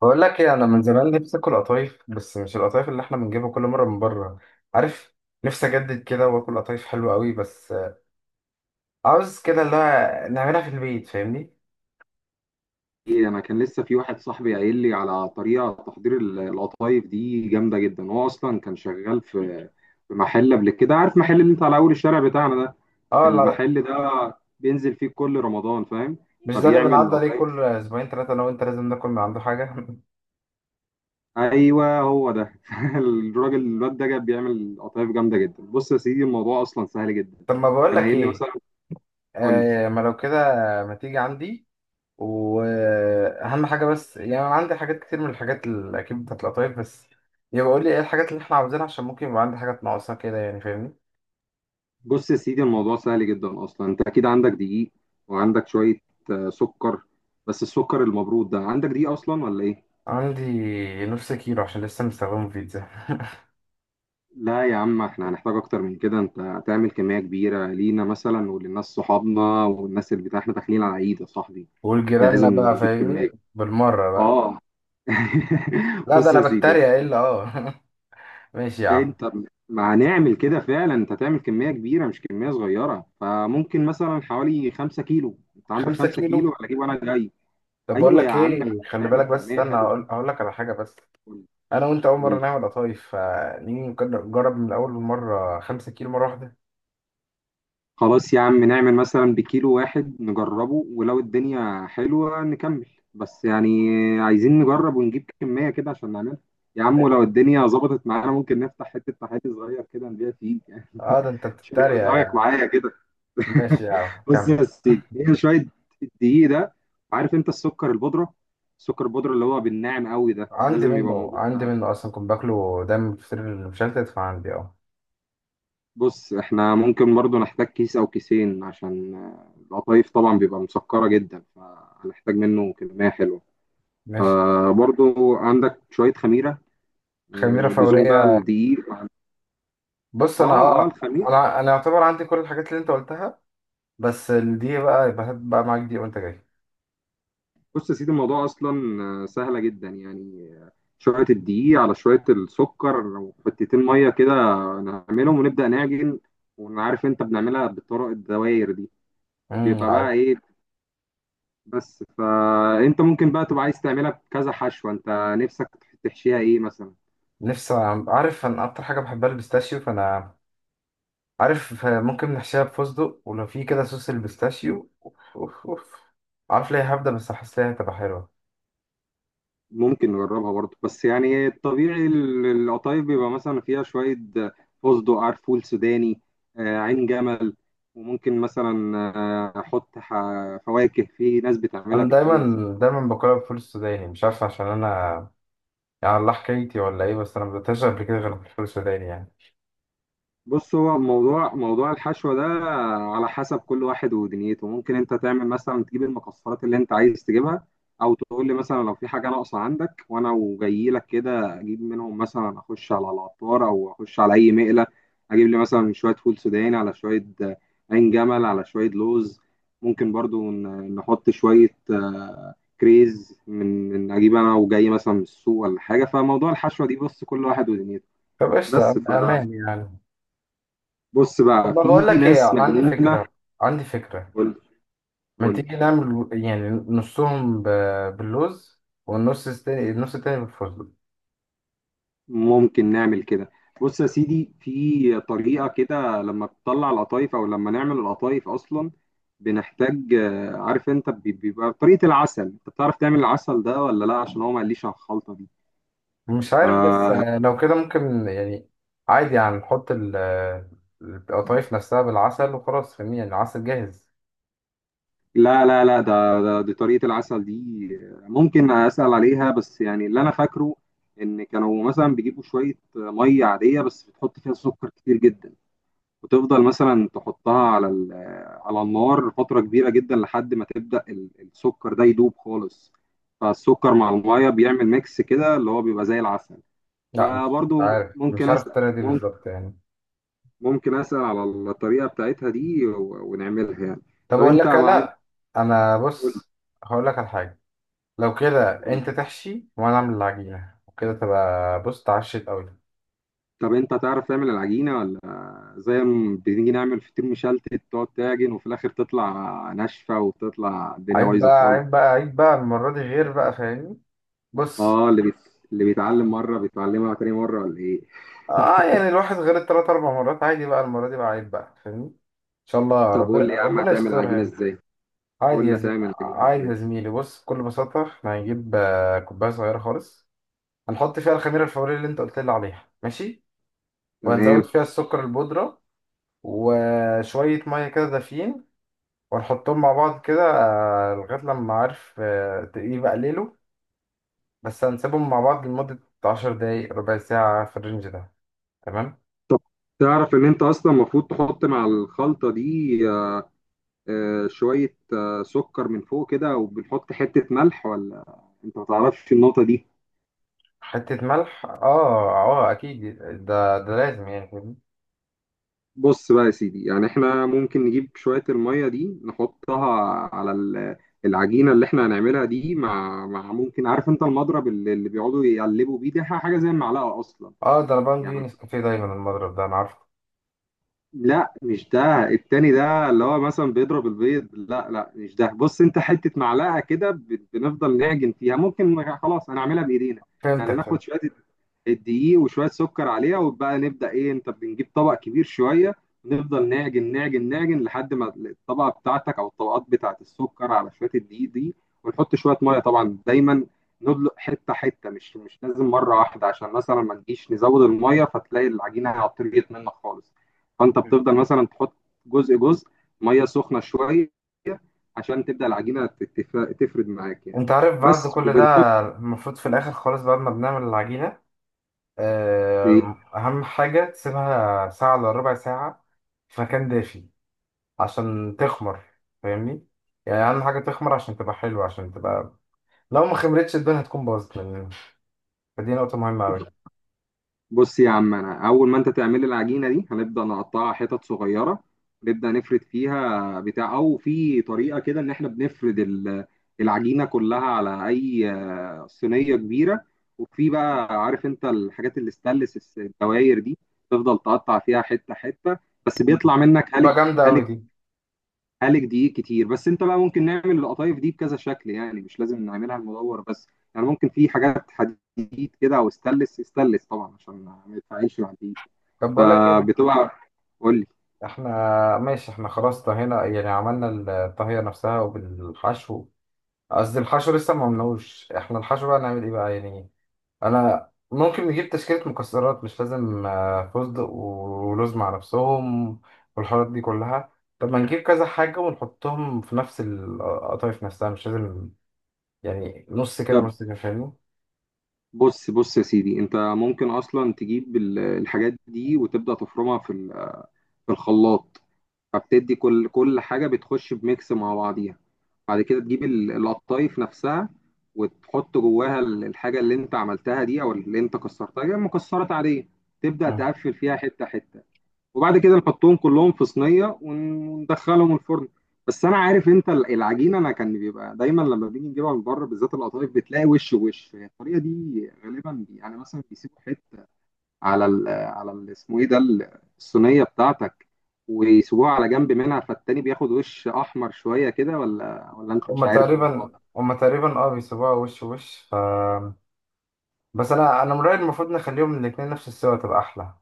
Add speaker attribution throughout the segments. Speaker 1: بقول لك ايه، انا من زمان نفسي اكل قطايف، بس مش القطايف اللي احنا بنجيبها كل مره من بره. عارف، نفسي اجدد كده واكل قطايف حلوه قوي، بس عاوز كده اللي هو نعملها في البيت، فاهمني؟
Speaker 2: ايه. انا كان لسه في واحد صاحبي قايل لي على طريقه تحضير القطايف دي جامده جدا. هو اصلا كان شغال في محل قبل كده، عارف محل اللي انت على اول الشارع بتاعنا ده؟
Speaker 1: اه، لا لا،
Speaker 2: المحل ده بينزل فيه كل رمضان، فاهم؟
Speaker 1: مش ده اللي
Speaker 2: فبيعمل
Speaker 1: بنعدي عليه
Speaker 2: قطايف.
Speaker 1: كل اسبوعين ثلاثه انا وانت لازم ناكل من عنده حاجه
Speaker 2: ايوه هو ده الراجل الواد ده جاب بيعمل قطايف جامده جدا. بص يا سيدي الموضوع اصلا سهل جدا.
Speaker 1: طب ما بقول
Speaker 2: كان
Speaker 1: لك
Speaker 2: قايل لي
Speaker 1: ايه،
Speaker 2: مثلا، قول لي،
Speaker 1: آه، ما لو كده ما تيجي عندي، واهم حاجه بس، يعني انا عندي حاجات كتير من الحاجات اللي اكيد بتاعت القطايف، بس يبقى قول لي ايه الحاجات اللي احنا عاوزينها عشان ممكن يبقى عندي حاجات ناقصه كده، يعني فاهمني.
Speaker 2: بص يا سيدي الموضوع سهل جدا اصلا. انت اكيد عندك دقيق وعندك شويه سكر، بس السكر المبرود ده، عندك دقيق اصلا ولا ايه؟
Speaker 1: عندي نص كيلو عشان لسه مستخدمه في بيتزا
Speaker 2: لا يا عم احنا هنحتاج اكتر من كده، انت هتعمل كميه كبيره لينا مثلا وللناس صحابنا والناس، اللي بتاع احنا داخلين على عيد يا صاحبي،
Speaker 1: والجيراننا
Speaker 2: لازم
Speaker 1: بقى،
Speaker 2: نجيب كميه.
Speaker 1: فاهمني، بالمرة بقى.
Speaker 2: اه
Speaker 1: لا ده
Speaker 2: بص يا
Speaker 1: أنا
Speaker 2: سيدي
Speaker 1: بتريق، إيه إلا أه ماشي يا عم.
Speaker 2: انت، ما هنعمل كده فعلا، انت هتعمل كميه كبيره مش كميه صغيره، فممكن مثلا حوالي 5 كيلو. انت عندك
Speaker 1: خمسة
Speaker 2: 5 كيلو
Speaker 1: كيلو
Speaker 2: ولا اجيب وانا جاي؟
Speaker 1: طب بقول
Speaker 2: ايوه يا
Speaker 1: لك
Speaker 2: عم
Speaker 1: إيه،
Speaker 2: احنا
Speaker 1: خلي
Speaker 2: هنعمل
Speaker 1: بالك، بس
Speaker 2: كميه
Speaker 1: استنى،
Speaker 2: حلوه.
Speaker 1: هقول لك على حاجة بس.
Speaker 2: قول،
Speaker 1: أنا وأنت أول
Speaker 2: قول
Speaker 1: مرة
Speaker 2: لي.
Speaker 1: نعمل قطايف، فنيجي نجرب من أول مرة 5 كيلو مرة واحدة؟
Speaker 2: خلاص يا عم نعمل مثلا بكيلو واحد نجربه، ولو الدنيا حلوه نكمل، بس يعني عايزين نجرب ونجيب كميه كده عشان نعملها. يا عم ولو الدنيا ظبطت معانا ممكن نفتح حته تحالي صغير كده نبيع فيه، يعني
Speaker 1: أه ده أنت
Speaker 2: مش
Speaker 1: بتتريق
Speaker 2: رايك
Speaker 1: يعني.
Speaker 2: معايا كده؟
Speaker 1: ماشي يا عم،
Speaker 2: بص
Speaker 1: كمل.
Speaker 2: يا سيدي، هي شويه الدقيق ده. عارف انت السكر البودره اللي هو بالناعم قوي ده،
Speaker 1: عندي
Speaker 2: لازم يبقى
Speaker 1: منه،
Speaker 2: موجود.
Speaker 1: عندي منه أصلا، كنت باكله دايما في الفطير المشلتت، فعندي أه.
Speaker 2: بص، احنا ممكن برضو نحتاج كيس او كيسين، عشان القطايف طبعا بيبقى مسكرة جدا فهنحتاج منه كمية حلوة.
Speaker 1: ماشي.
Speaker 2: آه برضو، عندك شوية خميرة؟
Speaker 1: خميرة
Speaker 2: آه لزوم بقى
Speaker 1: فورية.
Speaker 2: الدقيق.
Speaker 1: بص
Speaker 2: اه
Speaker 1: انا
Speaker 2: اه، الخميرة.
Speaker 1: انا يعتبر عندي كل الحاجات اللي انت قلتها، بس دي بقى يبقى هات بقى معاك دي وانت جاي.
Speaker 2: بص يا سيدي، الموضوع اصلا سهلة جدا يعني. شوية الدقيق على شوية السكر وحتتين مية كده، نعملهم ونبدأ نعجن. وعارف انت بنعملها بالطرق الدوائر دي، بيبقى بقى
Speaker 1: عارف،
Speaker 2: ايه، بس. فانت ممكن بقى تبقى عايز تعملها بكذا حشوة انت نفسك، تحشيها ايه مثلا؟
Speaker 1: نفسي. عارف، انا اكتر حاجه بحبها البيستاشيو، فانا عارف ممكن نحشيها بفستق، ولو في كده صوص البيستاشيو، اوف اوف اوف. عارف ليه هبدا، بس احس ليها هتبقى حلوه.
Speaker 2: ممكن نجربها برضه، بس يعني الطبيعي القطايف بيبقى مثلا فيها شوية فستق، عرفول سوداني، عين جمل، وممكن مثلا احط فواكه، في ناس بتعملها
Speaker 1: انا دايما
Speaker 2: بكريز.
Speaker 1: دايما باكلها بالفول السوداني، مش عارف عشان انا، يعني الله حكايتي ولا ايه، بس انا ما بدأتهاش قبل كده غير بالفول السوداني يعني.
Speaker 2: بص هو موضوع الحشو ده على حسب كل واحد ودنيته. ممكن انت تعمل مثلا، تجيب المكسرات اللي انت عايز تجيبها، او تقول لي مثلا لو في حاجه ناقصه عندك وانا وجاي لك كده اجيب منهم، مثلا اخش على العطار او اخش على اي مقله، اجيب لي مثلا شويه فول سوداني على شويه، عين جمل، على شويه لوز. ممكن برضو نحط شويه كريز من اجيب انا وجاي مثلا من السوق ولا حاجه. فموضوع الحشوه دي، بص، كل واحد ودنيته.
Speaker 1: طب قشطه
Speaker 2: بس ف
Speaker 1: امان يعني؟
Speaker 2: بص
Speaker 1: طب
Speaker 2: بقى
Speaker 1: ما بقول
Speaker 2: في
Speaker 1: لك ايه،
Speaker 2: ناس
Speaker 1: انا عندي
Speaker 2: مجنونة.
Speaker 1: فكره، عندي فكره،
Speaker 2: قول،
Speaker 1: ما
Speaker 2: قول.
Speaker 1: تيجي نعمل يعني نصهم باللوز، والنص التاني النص التاني بالفستق.
Speaker 2: ممكن نعمل كده. بص يا سيدي، في طريقة كده لما بتطلع القطايف أو لما نعمل القطايف أصلا، بنحتاج عارف أنت بيبقى طريقة العسل، أنت بتعرف تعمل العسل ده ولا لا؟ عشان هو ما قاليش على الخلطة دي.
Speaker 1: مش عارف بس،
Speaker 2: ف-
Speaker 1: لو كده ممكن يعني عادي يعني نحط القطايف نفسها بالعسل وخلاص، فاهمني، يعني العسل جاهز.
Speaker 2: لا لا لا، ده دي طريقة العسل دي ممكن أسأل عليها، بس يعني اللي أنا فاكره، إن كانوا مثلا بيجيبوا شوية مية عادية بس بتحط فيها سكر كتير جدا، وتفضل مثلا تحطها على على النار فترة كبيرة جدا لحد ما تبدأ السكر ده يدوب خالص، فالسكر مع المية بيعمل ميكس كده اللي هو بيبقى زي العسل.
Speaker 1: لا، مش
Speaker 2: فبرضو
Speaker 1: عارف مش
Speaker 2: ممكن
Speaker 1: عارف
Speaker 2: أسأل،
Speaker 1: الطريقة دي
Speaker 2: ممكن
Speaker 1: بالظبط يعني.
Speaker 2: ممكن أسأل على الطريقة بتاعتها دي ونعملها يعني.
Speaker 1: طب
Speaker 2: طب
Speaker 1: أقول
Speaker 2: أنت
Speaker 1: لك،
Speaker 2: معاك،
Speaker 1: لا، أنا
Speaker 2: قول،
Speaker 1: بص، هقول لك على حاجة. لو كده
Speaker 2: قول.
Speaker 1: أنت تحشي وأنا أعمل العجينة، وكده تبقى، بص، اتعشت أوي.
Speaker 2: طب أنت تعرف تعمل العجينة ولا زي ما بنيجي نعمل فطير مشلتت تقعد تعجن وفي الآخر تطلع ناشفة وتطلع الدنيا
Speaker 1: عيب
Speaker 2: بايظة
Speaker 1: بقى،
Speaker 2: خالص؟
Speaker 1: عيب بقى، عيب بقى المرة دي غير بقى، فاهمني. بص.
Speaker 2: اه، اللي بيتعلم مره بيتعلمها تاني مره ولا ايه؟
Speaker 1: اه، يعني الواحد غير التلات اربع مرات عادي، بقى المرة دي بقى عيب بقى، فاهمني، ان شاء الله
Speaker 2: طب
Speaker 1: ربنا
Speaker 2: قول لي يا عم
Speaker 1: ربنا
Speaker 2: هتعمل
Speaker 1: يسترها
Speaker 2: العجينه
Speaker 1: يعني.
Speaker 2: ازاي. قول لي هتعمل العجينه
Speaker 1: عادي يا
Speaker 2: ازاي.
Speaker 1: زميلي، بص، بكل بساطة احنا هنجيب كوباية صغيرة خالص. هنحط فيها الخميرة الفورية اللي انت قلت لي عليها، ماشي. وهنزود
Speaker 2: تمام.
Speaker 1: فيها السكر البودرة، وشوية مية كده دافيين، وهنحطهم مع بعض كده، لغاية لما، عارف، يبقى ليله. بس هنسيبهم مع بعض لمدة 10 دقايق ربع ساعة في الرينج ده. تمام.
Speaker 2: طب تعرف ان انت اصلا المفروض تحط مع الخلطه دي شويه سكر من فوق كده، وبنحط حته ملح ولا انت ما تعرفش النقطه دي؟
Speaker 1: حتة ملح، اه اه، اكيد. ده لازم، يعني فاهمني؟
Speaker 2: بص بقى يا سيدي، يعني احنا ممكن نجيب شويه الميه دي نحطها على العجينه اللي احنا هنعملها دي، مع ممكن، عارف انت المضرب اللي بيقعدوا يقلبوا بيه ده، حاجه زي المعلقه اصلا
Speaker 1: اه، ده انا بعمل بيه
Speaker 2: يعني؟
Speaker 1: نسكافيه دايما، المضرب ده انا عارفه.
Speaker 2: لا مش ده، التاني ده اللي هو مثلا بيضرب البيض، لا لا مش ده. بص، انت حتة معلقة كده بنفضل نعجن فيها، ممكن خلاص هنعملها بإيدينا يعني.
Speaker 1: فهمتك،
Speaker 2: ناخد
Speaker 1: فهمت.
Speaker 2: شوية الدقيق وشوية سكر عليها، وبقى نبدأ ايه، انت بنجيب طبق كبير شوية، نفضل نعجن نعجن نعجن لحد ما الطبقة بتاعتك او الطبقات بتاعت السكر على شوية الدقيق دي، ونحط شوية مية طبعا دايما، ندلق حتة حتة، مش لازم مرة واحدة عشان مثلا ما نجيش نزود المية فتلاقي العجينة عطريت منك خالص. فانت بتفضل مثلا تحط جزء جزء، ميه سخنه شويه، عشان تبدا العجينه تفرد معاك يعني.
Speaker 1: انت عارف بعد
Speaker 2: بس
Speaker 1: كل
Speaker 2: وبنحط
Speaker 1: ده المفروض في الاخر خالص بعد ما بنعمل العجينة،
Speaker 2: ايه.
Speaker 1: اهم حاجة تسيبها ساعة الا ربع ساعة في مكان دافي عشان تخمر، فاهمني، يعني اهم حاجة تخمر عشان تبقى حلوة، عشان تبقى، لو ما خمرتش الدنيا هتكون باظت مننا. فدي نقطة مهمة اوي.
Speaker 2: بص يا عم، انا اول ما انت تعمل العجينه دي هنبدا نقطعها حتت صغيره، نبدا نفرد فيها بتاع، او في طريقه كده ان احنا بنفرد العجينه كلها على اي صينيه كبيره. وفي بقى، عارف انت الحاجات اللي الستانلس، الدواير دي، تفضل تقطع فيها حته حته، بس بيطلع منك
Speaker 1: تبقى
Speaker 2: هلك
Speaker 1: جامدة
Speaker 2: هلك،
Speaker 1: اوي دي.
Speaker 2: هالك دقيق كتير. بس انت بقى ممكن نعمل القطايف دي بكذا شكل، يعني مش لازم نعملها المدور بس، يعني ممكن في حاجات حديد كده او استانلس، استانلس طبعا عشان ما يتفاعلش مع الدقيق.
Speaker 1: طب بقول لك ايه،
Speaker 2: فبتبقى، قول لي،
Speaker 1: احنا ماشي، احنا خلاص طهينا يعني عملنا الطهية نفسها وبالحشو، قصدي الحشو لسه ما عملناهوش، احنا الحشو بقى نعمل ايه بقى يعني؟ انا ممكن نجيب تشكيلة مكسرات، مش لازم فستق ولوز مع نفسهم والحاجات دي كلها. طب ما نجيب كذا حاجة ونحطهم في نفس القطايف نفسها، مش لازم يعني نص كده
Speaker 2: طب،
Speaker 1: ونص كده، فاهمني.
Speaker 2: بص بص يا سيدي، انت ممكن اصلا تجيب الحاجات دي وتبدا تفرمها في في الخلاط، فبتدي كل حاجة بتخش بميكس مع بعضيها. بعد كده تجيب القطايف نفسها، وتحط جواها الحاجة اللي انت عملتها دي او اللي انت كسرتها يعني مكسرات عادية، تبدأ
Speaker 1: مم.
Speaker 2: تقفل فيها حتة حتة. وبعد كده نحطهم كلهم في صينية وندخلهم الفرن. بس انا عارف انت العجينة، انا كان بيبقى دايما لما بنيجي نجيبها من بره بالذات القطايف بتلاقي وش وش، هي الطريقة دي غالبا يعني مثلا بيسيبوا حتة على على اسمه ايه ده الصينيه بتاعتك، ويسيبوها على جنب منها فالتاني بياخد وش احمر شويه كده، ولا انت مش
Speaker 1: هما
Speaker 2: عارف الموضوع
Speaker 1: تقريبا
Speaker 2: ده؟
Speaker 1: هما تقريبا اه، بيسيبوها وش وش بس انا من رأيي المفروض نخليهم الاتنين نفس السوا تبقى احلى.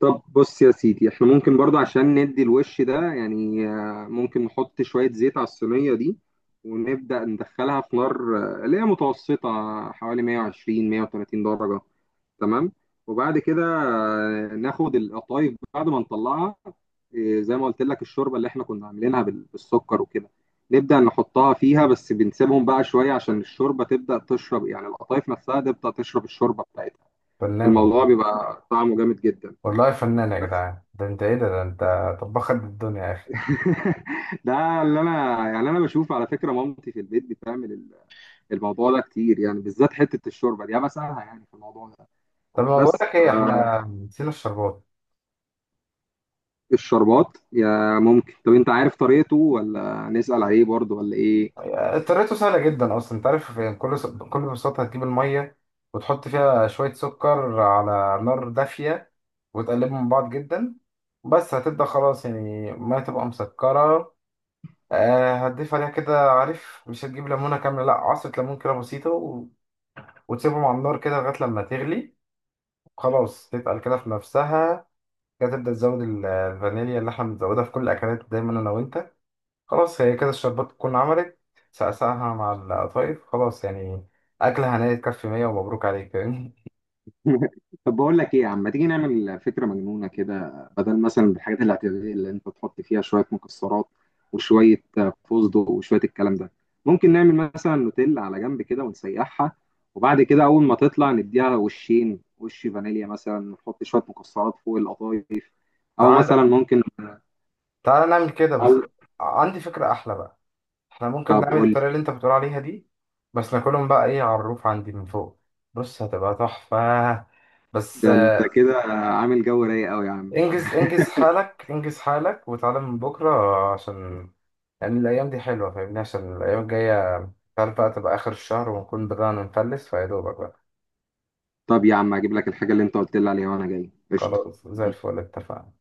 Speaker 2: طب بص يا سيدي احنا ممكن برضو عشان ندي الوش ده يعني، ممكن نحط شويه زيت على الصينيه دي، ونبدا ندخلها في نار اللي هي متوسطه، حوالي 120 130 درجه. تمام. وبعد كده ناخد القطايف بعد ما نطلعها، زي ما قلت لك الشوربه اللي احنا كنا عاملينها بالسكر وكده، نبدا نحطها فيها، بس بنسيبهم بقى شويه عشان الشوربه تبدا تشرب، يعني القطايف نفسها تبدا تشرب الشوربه بتاعتها.
Speaker 1: فنان
Speaker 2: الموضوع
Speaker 1: والله.
Speaker 2: بيبقى طعمه جامد جدا،
Speaker 1: والله فنان يا
Speaker 2: بس
Speaker 1: جدعان، ده انت ايه، ده انت طباخ قد الدنيا يا اخي.
Speaker 2: ده اللي انا يعني انا بشوف على فكره، مامتي في البيت بتعمل الموضوع ده كتير، يعني بالذات حته الشوربه دي انا بسالها يعني في الموضوع ده.
Speaker 1: طب ما بقول
Speaker 2: بس
Speaker 1: لك
Speaker 2: ف
Speaker 1: ايه، احنا نسينا الشربات.
Speaker 2: الشربات، يا ممكن، طب انت عارف طريقته ولا نسأل عليه برضه ولا ايه؟
Speaker 1: طريقته سهله جدا اصلا، انت عارف يعني، كل بكل بساطه هتجيب الميه وتحط فيها شويه سكر على نار دافيه، وتقلبهم من بعض جدا. بس هتبدا خلاص يعني الميه تبقى مسكره. هتضيف عليها كده، عارف، مش هتجيب ليمونه كامله، لا، عصره ليمون كده بسيطه، وتسيبهم على النار كده لغايه لما تغلي، خلاص تتقل كده في نفسها. كده تبدأ تزود الفانيليا اللي احنا بنزودها في كل الأكلات دايما أنا وأنت. خلاص، هي كده الشربات تكون عملت. سقسقها مع القطايف، خلاص يعني. أكلة هنية تكفي 100 ومبروك عليك يعني.
Speaker 2: طب بقول لك ايه يا عم، ما تيجي نعمل فكرة مجنونة كده، بدل مثلا الحاجات الاعتيادية اللي انت تحط فيها شوية مكسرات وشوية فستق وشوية الكلام ده، ممكن نعمل مثلا نوتيلا على جنب كده ونسيحها، وبعد كده اول ما تطلع نديها وشين، وش فانيليا مثلا، نحط شوية مكسرات فوق القطايف، او
Speaker 1: تعالى،
Speaker 2: مثلا ممكن،
Speaker 1: تعالى نعمل كده، بس
Speaker 2: أو،
Speaker 1: عندي فكرة أحلى بقى. احنا ممكن
Speaker 2: طب
Speaker 1: نعمل
Speaker 2: قول لي.
Speaker 1: الطريقة اللي أنت بتقول عليها دي، بس ناكلهم بقى إيه على الروف عندي من فوق. بص هتبقى تحفة. بس
Speaker 2: ده انت كده عامل جو رايق قوي يا عم.
Speaker 1: انجز انجز حالك، انجز حالك وتعالى من بكرة عشان يعني الأيام دي حلوة، فاهمني، عشان الأيام الجاية أنت عارف بقى تبقى آخر الشهر ونكون بدأنا نفلس فيا دوبك بقى.
Speaker 2: طب يا عم هجيب لك الحاجة اللي انت قلت لي عليها وانا جاي، قشطة.
Speaker 1: خلاص، زي الفل، اتفقنا.